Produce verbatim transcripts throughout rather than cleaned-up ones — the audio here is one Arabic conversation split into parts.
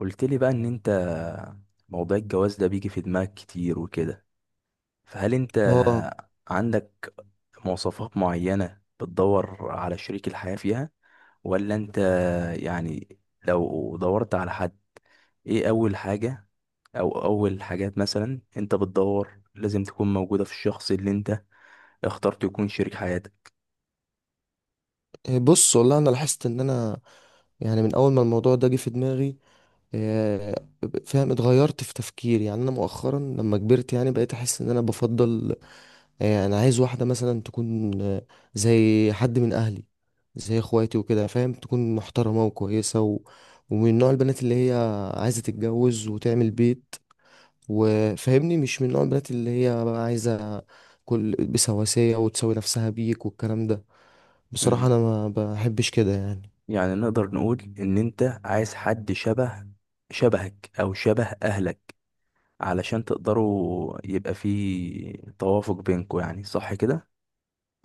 قلت لي بقى ان انت موضوع الجواز ده بيجي في دماغك كتير وكده. فهل انت اه. عندك مواصفات معينة بتدور على شريك الحياة فيها، ولا انت يعني لو دورت على حد، ايه اول حاجة او اول حاجات مثلا انت بتدور لازم تكون موجودة في الشخص اللي انت اخترت يكون شريك حياتك؟ آه، بص والله انا لاحظت ان انا يعني من اول ما الموضوع ده جه في دماغي، آه، فاهم اتغيرت في تفكيري. يعني انا مؤخرا لما كبرت يعني بقيت احس ان انا بفضل. آه، انا عايز واحده مثلا تكون آه، زي حد من اهلي، زي اخواتي وكده، فاهم تكون محترمه وكويسه و... ومن نوع البنات اللي هي عايزه تتجوز وتعمل بيت، وفاهمني مش من نوع البنات اللي هي بقى عايزه كل بسواسيه وتساوي نفسها بيك والكلام ده. بصراحة مم. انا ما بحبش كده يعني. يعني نقدر نقول ان انت عايز حد شبه، شبهك او شبه اهلك، علشان تقدروا يبقى في توافق بينكم، يعني صح كده؟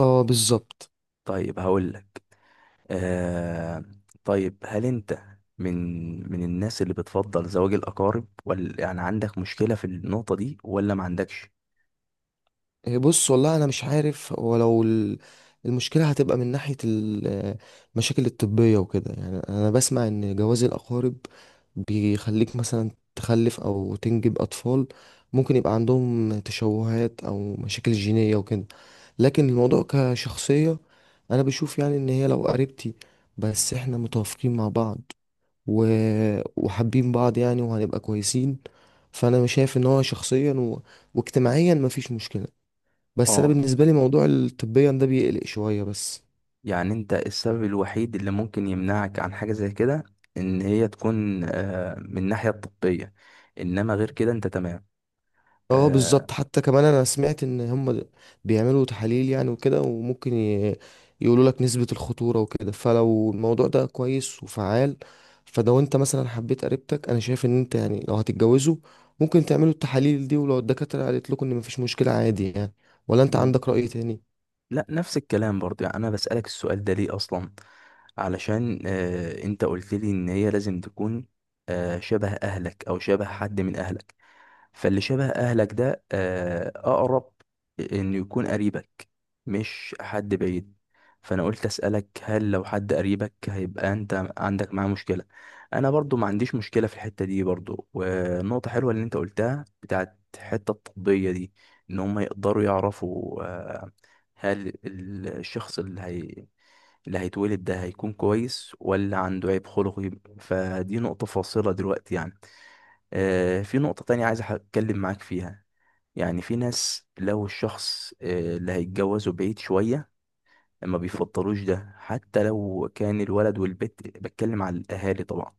اه بالظبط. طيب هقول لك آه طيب، هل انت من من الناس اللي بتفضل زواج الأقارب، ولا يعني عندك مشكلة في النقطة دي ولا ما عندكش؟ إيه، بص والله انا مش عارف، ولو المشكلة هتبقى من ناحية ال- المشاكل الطبية وكده. يعني انا بسمع ان جواز الاقارب بيخليك مثلا تخلف او تنجب اطفال ممكن يبقى عندهم تشوهات او مشاكل جينية وكده. لكن الموضوع كشخصية انا بشوف يعني ان هي لو قريبتي، بس احنا متوافقين مع بعض و... وحابين بعض يعني، وهنبقى كويسين. فانا شايف ان هو شخصيا و... واجتماعيا مفيش مشكله. بس انا اه، بالنسبه لي موضوع الطبيا ده بيقلق شويه بس. يعني انت السبب الوحيد اللي ممكن يمنعك عن حاجة زي كده ان هي تكون آه من الناحية الطبية، انما غير كده انت تمام؟ اه آه بالظبط. حتى كمان انا سمعت ان هم د- بيعملوا تحاليل يعني وكده، وممكن ي... يقولوا لك نسبه الخطوره وكده. فلو الموضوع ده كويس وفعال، فلو انت مثلا حبيت قريبتك، انا شايف ان انت يعني لو هتتجوزوا ممكن تعملوا التحاليل دي، ولو الدكاتره قالت لكم ان مفيش مشكله عادي يعني. ولا انت عندك رأي تاني؟ لا، نفس الكلام برضه. يعني انا بسألك السؤال ده ليه اصلا؟ علشان آه انت قلت لي ان هي لازم تكون آه شبه اهلك او شبه حد من اهلك، فاللي شبه اهلك ده آه، اقرب انه يكون قريبك، مش حد بعيد، فانا قلت اسالك هل لو حد قريبك هيبقى انت عندك معاه مشكله. انا برضو ما عنديش مشكله في الحته دي برضو، والنقطه حلوه اللي انت قلتها بتاعت الحته الطبيه دي، ان هم يقدروا يعرفوا آه، هل ال- الشخص اللي هي اللي هيتولد ده هيكون كويس ولا عنده عيب خلقي. فدي نقطه فاصله دلوقتي يعني. آه، في نقطة تانية عايز أح- أتكلم معاك فيها. يعني في ناس لو الشخص آه، اللي هيتجوزه بعيد شوية ما بيفضلوش ده، حتى لو كان الولد والبت، بتكلم على الأهالي طبعا.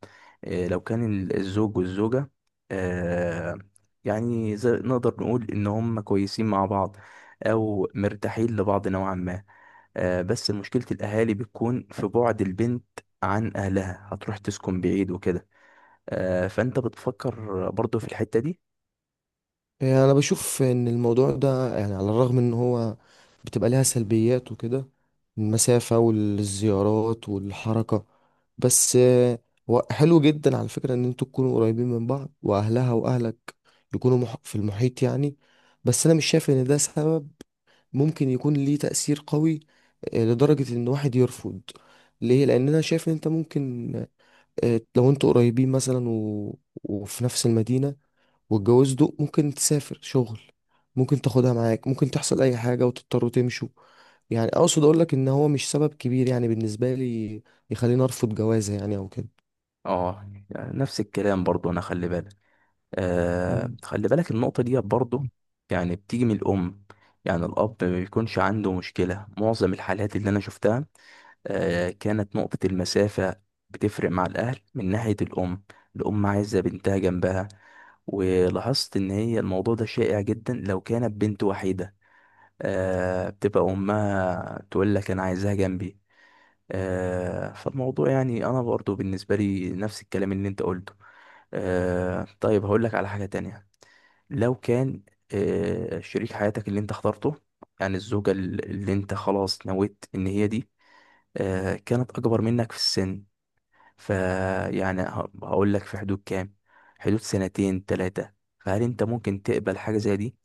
آه، لو كان ال- الزوج والزوجة، آه، يعني زي نقدر نقول إن هم كويسين مع بعض أو مرتاحين لبعض نوعا ما، آه، بس مشكلة الأهالي بتكون في بعد البنت عن أهلها، هتروح تسكن بعيد وكده. آه، فأنت بتفكر برضو في الحتة دي؟ يعني انا بشوف ان الموضوع ده يعني على الرغم ان هو بتبقى ليها سلبيات وكده، المسافة والزيارات والحركة. بس آه، هو حلو جدا على فكرة ان انتوا تكونوا قريبين من بعض، واهلها واهلك يكونوا مح- في المحيط يعني. بس انا مش شايف ان ده سبب ممكن يكون ليه تأثير قوي، آه، لدرجة ان واحد يرفض. ليه؟ لان انا شايف ان انت ممكن، آه، لو انتوا قريبين مثلا و... وفي نفس المدينة والجواز ده، ممكن تسافر شغل، ممكن تاخدها معاك، ممكن تحصل اي حاجة وتضطروا تمشوا. يعني اقصد اقول لك ان هو مش سبب كبير يعني بالنسبة لي يخليني ارفض جوازة يعني او كده. اه، يعني نفس الكلام برضو. انا خلي بالك، آه مم. خلي بالك النقطة دي برضو، يعني بتيجي من الأم. يعني الأب ما بيكونش عنده مشكلة. معظم الحالات اللي أنا شفتها آه كانت نقطة المسافة بتفرق مع الأهل من ناحية الأم. الأم عايزة بنتها جنبها. ولاحظت إن هي الموضوع ده شائع جدا لو كانت بنت وحيدة، آه بتبقى أمها تقول لك أنا عايزها جنبي. آه، فالموضوع يعني انا برضو بالنسبه لي نفس الكلام اللي انت قلته. آه، طيب هقول لك على حاجه تانية. لو كان آه، شريك حياتك اللي انت اخترته، يعني الزوجه ال- اللي انت خلاص نويت ان هي دي، آه، كانت اكبر منك في السن، فيعني هقول لك في حدود كام، حدود سنتين ثلاثه، فهل انت ممكن تقبل حاجه زي دي؟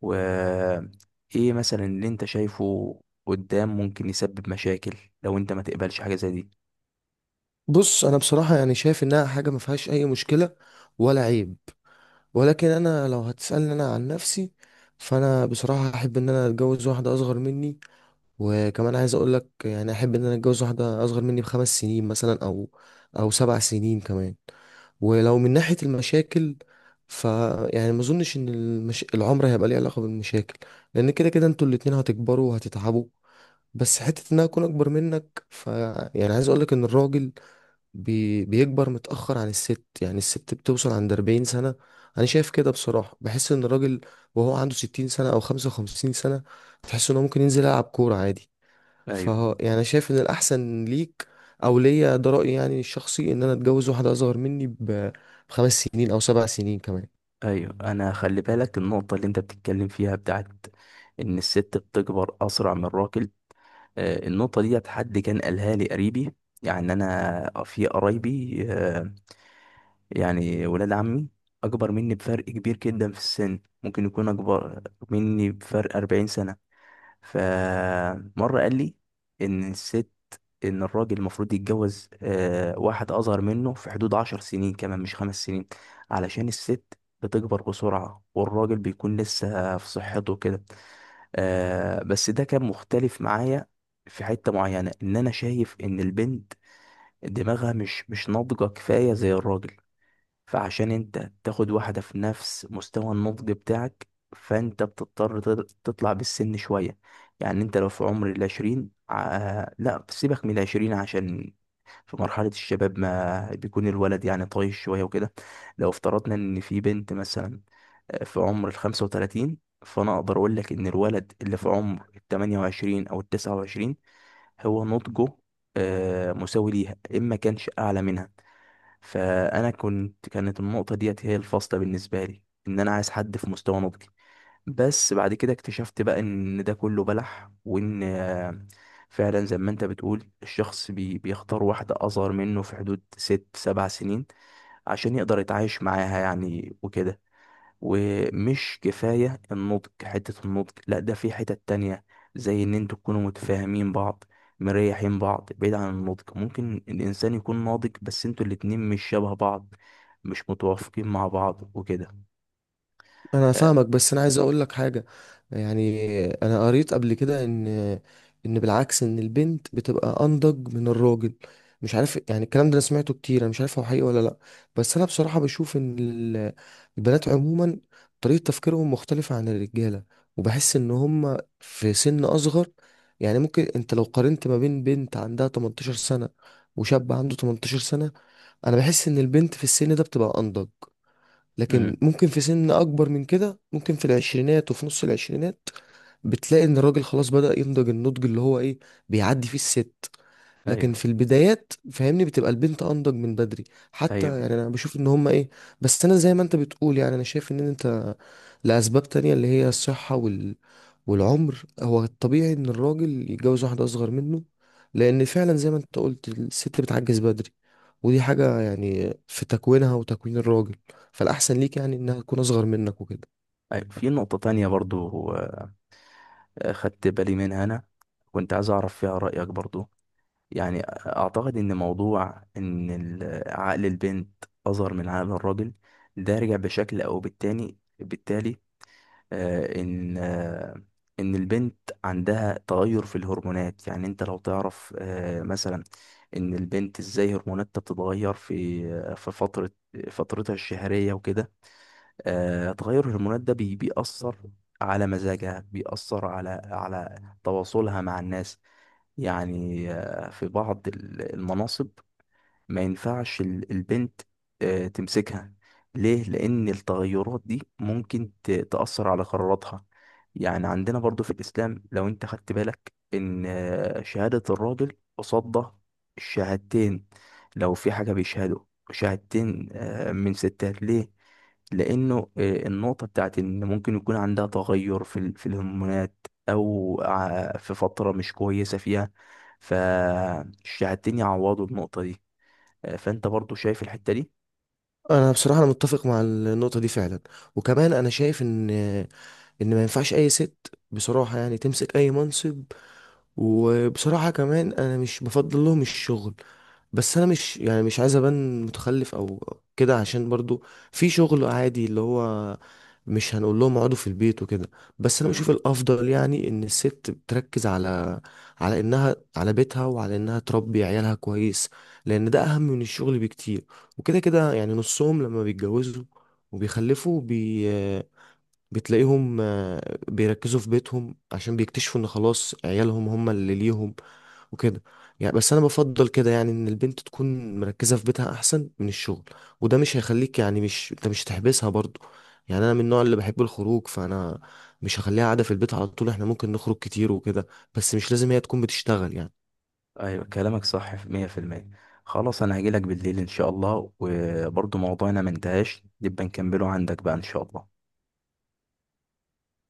وايه مثلا اللي انت شايفه قدام ممكن يسبب مشاكل لو انت ما تقبلش حاجه زي دي؟ بص انا بصراحة يعني شايف انها حاجة ما فيهاش اي مشكلة ولا عيب، ولكن انا لو هتسألني انا عن نفسي، فانا بصراحة احب ان انا اتجوز واحدة اصغر مني. وكمان عايز اقول لك يعني احب ان انا اتجوز واحده اصغر مني بخمس سنين مثلا او او سبع سنين كمان. ولو من ناحيه المشاكل، ف يعني ما اظنش ان المش... العمر هيبقى ليه علاقه بالمشاكل، لان كده كده انتوا الاتنين هتكبروا وهتتعبوا. بس حته ان انا اكون اكبر منك، ف يعني عايز اقول لك ان الراجل بي... بيكبر متاخر عن الست. يعني الست بتوصل عند اربعين سنة سنه، انا شايف كده بصراحه. بحس ان الراجل وهو عنده ستين سنة سنه او خمسة وخمسين سنة سنه تحس ان هو ممكن ينزل يلعب كوره عادي. ايوه. فهو يعني أنا شايف ان الاحسن ليك او ليا، ده رايي يعني الشخصي، ان انا اتجوز واحده اصغر مني ب- بخمس سنين او سبع سنين كمان. ايوه، انا خلي بالك النقطه اللي انت بتتكلم فيها بتاعت ان الست بتكبر اسرع من الراجل. آه، النقطه دي حد كان قالها لي قريبي. يعني انا في قرايبي آه، يعني ولاد عمي اكبر مني بفرق كبير جدا في السن، ممكن يكون اكبر مني بفرق أربعين سنه. فمرة قال لي إن الست، إن الراجل المفروض يتجوز آه، واحد أصغر منه في حدود عشر سنين كمان، مش خمس سنين، علشان الست بتكبر بسرعة والراجل بيكون لسه في صحته كده. آه، بس ده كان مختلف معايا في حتة معينة، إن أنا شايف إن البنت دماغها مش مش ناضجة كفاية زي الراجل، فعشان انت تاخد واحدة في نفس مستوى النضج بتاعك فانت بتضطر تض- تطلع بالسن شوية. يعني انت لو في عمر العشرين ع- لا سيبك من العشرين عشان في مرحلة الشباب ما بيكون الولد يعني طايش شوية وكده. لو افترضنا ان في بنت مثلا آه، في عمر الخمسة وتلاتين، فانا اقدر اقول لك ان الولد اللي في عمر التمانية وعشرين او التسعة وعشرين هو نضجه آه، مساوي ليها اما كانش اعلى منها. فانا كنت، كانت النقطه ديت هي الفاصله بالنسبه لي، ان انا عايز حد في مستوى نضجي. بس بعد كده اكتشفت بقى ان ده كله بلح، وان آه، فعلا زي ما انت بتقول الشخص بي بيختار واحده اصغر منه في حدود ست سبع سنين عشان يقدر يتعايش معاها يعني وكده. ومش كفاية النضج، حتة النضج لا، ده في حتة تانية، زي ان انتوا تكونوا متفاهمين بعض، مريحين بعض، بعيد عن النضج. ممكن الانسان يكون ناضج بس انتوا الاتنين مش شبه بعض، مش متوافقين مع بعض وكده. انا آه، فاهمك، بس انا عايز اقول لك حاجه. يعني انا قريت قبل كده ان ان بالعكس، ان البنت بتبقى انضج من الراجل. مش عارف يعني، الكلام ده انا سمعته كتير انا مش عارف هو حقيقي ولا لا. بس انا بصراحه بشوف ان ال- البنات عموما طريقه تفكيرهم مختلفه عن الرجاله، وبحس ان هم في سن اصغر. يعني ممكن انت لو قارنت ما بين بنت عندها تمنتاشر سنة سنه وشاب عنده تمنتاشر سنة سنه، انا بحس ان البنت في السن ده بتبقى انضج. لكن امم ممكن في سن اكبر من كده، ممكن في العشرينات وفي نص العشرينات، بتلاقي ان الراجل خلاص بدأ ينضج، النضج اللي هو ايه بيعدي فيه الست. لكن ايوه. في البدايات فاهمني بتبقى البنت انضج من بدري. حتى ايوه. يعني انا بشوف ان هما ايه. بس انا زي ما انت بتقول يعني انا شايف ان انت لاسباب تانية اللي هي الصحة وال... والعمر هو الطبيعي ان الراجل يتجوز واحدة اصغر منه. لان فعلا زي ما انت قلت الست بتعجز بدري، ودي حاجة يعني في تكوينها وتكوين الراجل. فالاحسن ليك يعني انها تكون اصغر منك وكده. ايوه، في نقطة تانية برضو آه، خدت بالي منها انا، كنت عايز اعرف فيها رأيك برضو. يعني اعتقد ان موضوع ان ال- عقل البنت اصغر من عقل الراجل، ده رجع بشكل او بالتاني بالتالي آه، ان آه، ان البنت عندها تغير في الهرمونات. يعني انت لو تعرف آه، مثلا ان البنت ازاي هرموناتها بتتغير في آه، في فترة فترتها الشهرية وكده. آه، تغير الهرمونات ده بي- بيأثر على مزاجها، بيأثر على على تواصلها مع الناس. يعني آه، في بعض ال- المناصب ما ينفعش ال- البنت آه، تمسكها. ليه؟ لان التغيرات دي ممكن ت- تأثر على قراراتها. يعني عندنا برضو في الاسلام، لو انت خدت بالك، ان آه، شهادة الراجل قصاد الشهادتين، لو في حاجة بيشهدوا شهادتين آه، من ستات ليه، لانه آه، النقطه بتاعت ان ممكن يكون عندها تغير في ال- في الهرمونات او ع- في فتره مش كويسه فيها، فالشهادتين يعوضوا النقطه دي. آه، فانت برضو شايف الحتة دي؟ انا بصراحة انا متفق مع النقطة دي فعلا، وكمان انا شايف ان ان ما ينفعش اي ست بصراحة يعني تمسك اي منصب. وبصراحة كمان انا مش بفضل لهم الشغل. بس انا مش يعني مش عايز ابان متخلف او كده، عشان برضو في شغل عادي اللي هو مش هنقول لهم اقعدوا في البيت وكده. بس انا مم. بشوف الافضل يعني ان الست بتركز على على انها على بيتها وعلى انها تربي عيالها كويس، لان ده اهم من الشغل بكتير. وكده كده يعني نصهم لما بيتجوزوا وبيخلفوا بي بتلاقيهم، آه، بيركزوا في بيتهم عشان بيكتشفوا ان خلاص عيالهم هم اللي ليهم وكده. يعني بس انا بفضل كده يعني ان البنت تكون مركزة في بيتها احسن من الشغل. وده مش هيخليك يعني، مش انت مش هتحبسها برضو. يعني انا من النوع اللي بحب الخروج، فانا مش هخليها قاعدة في البيت على طول، احنا ممكن نخرج كتير وكده. بس مش لازم هي تكون بتشتغل يعني. ايوه، كلامك صح في مية في المية. خلاص انا هجيلك بالليل ان شاء الله، وبرضو موضوعنا ما انتهاش، نبقى نكمله عندك بقى ان شاء الله.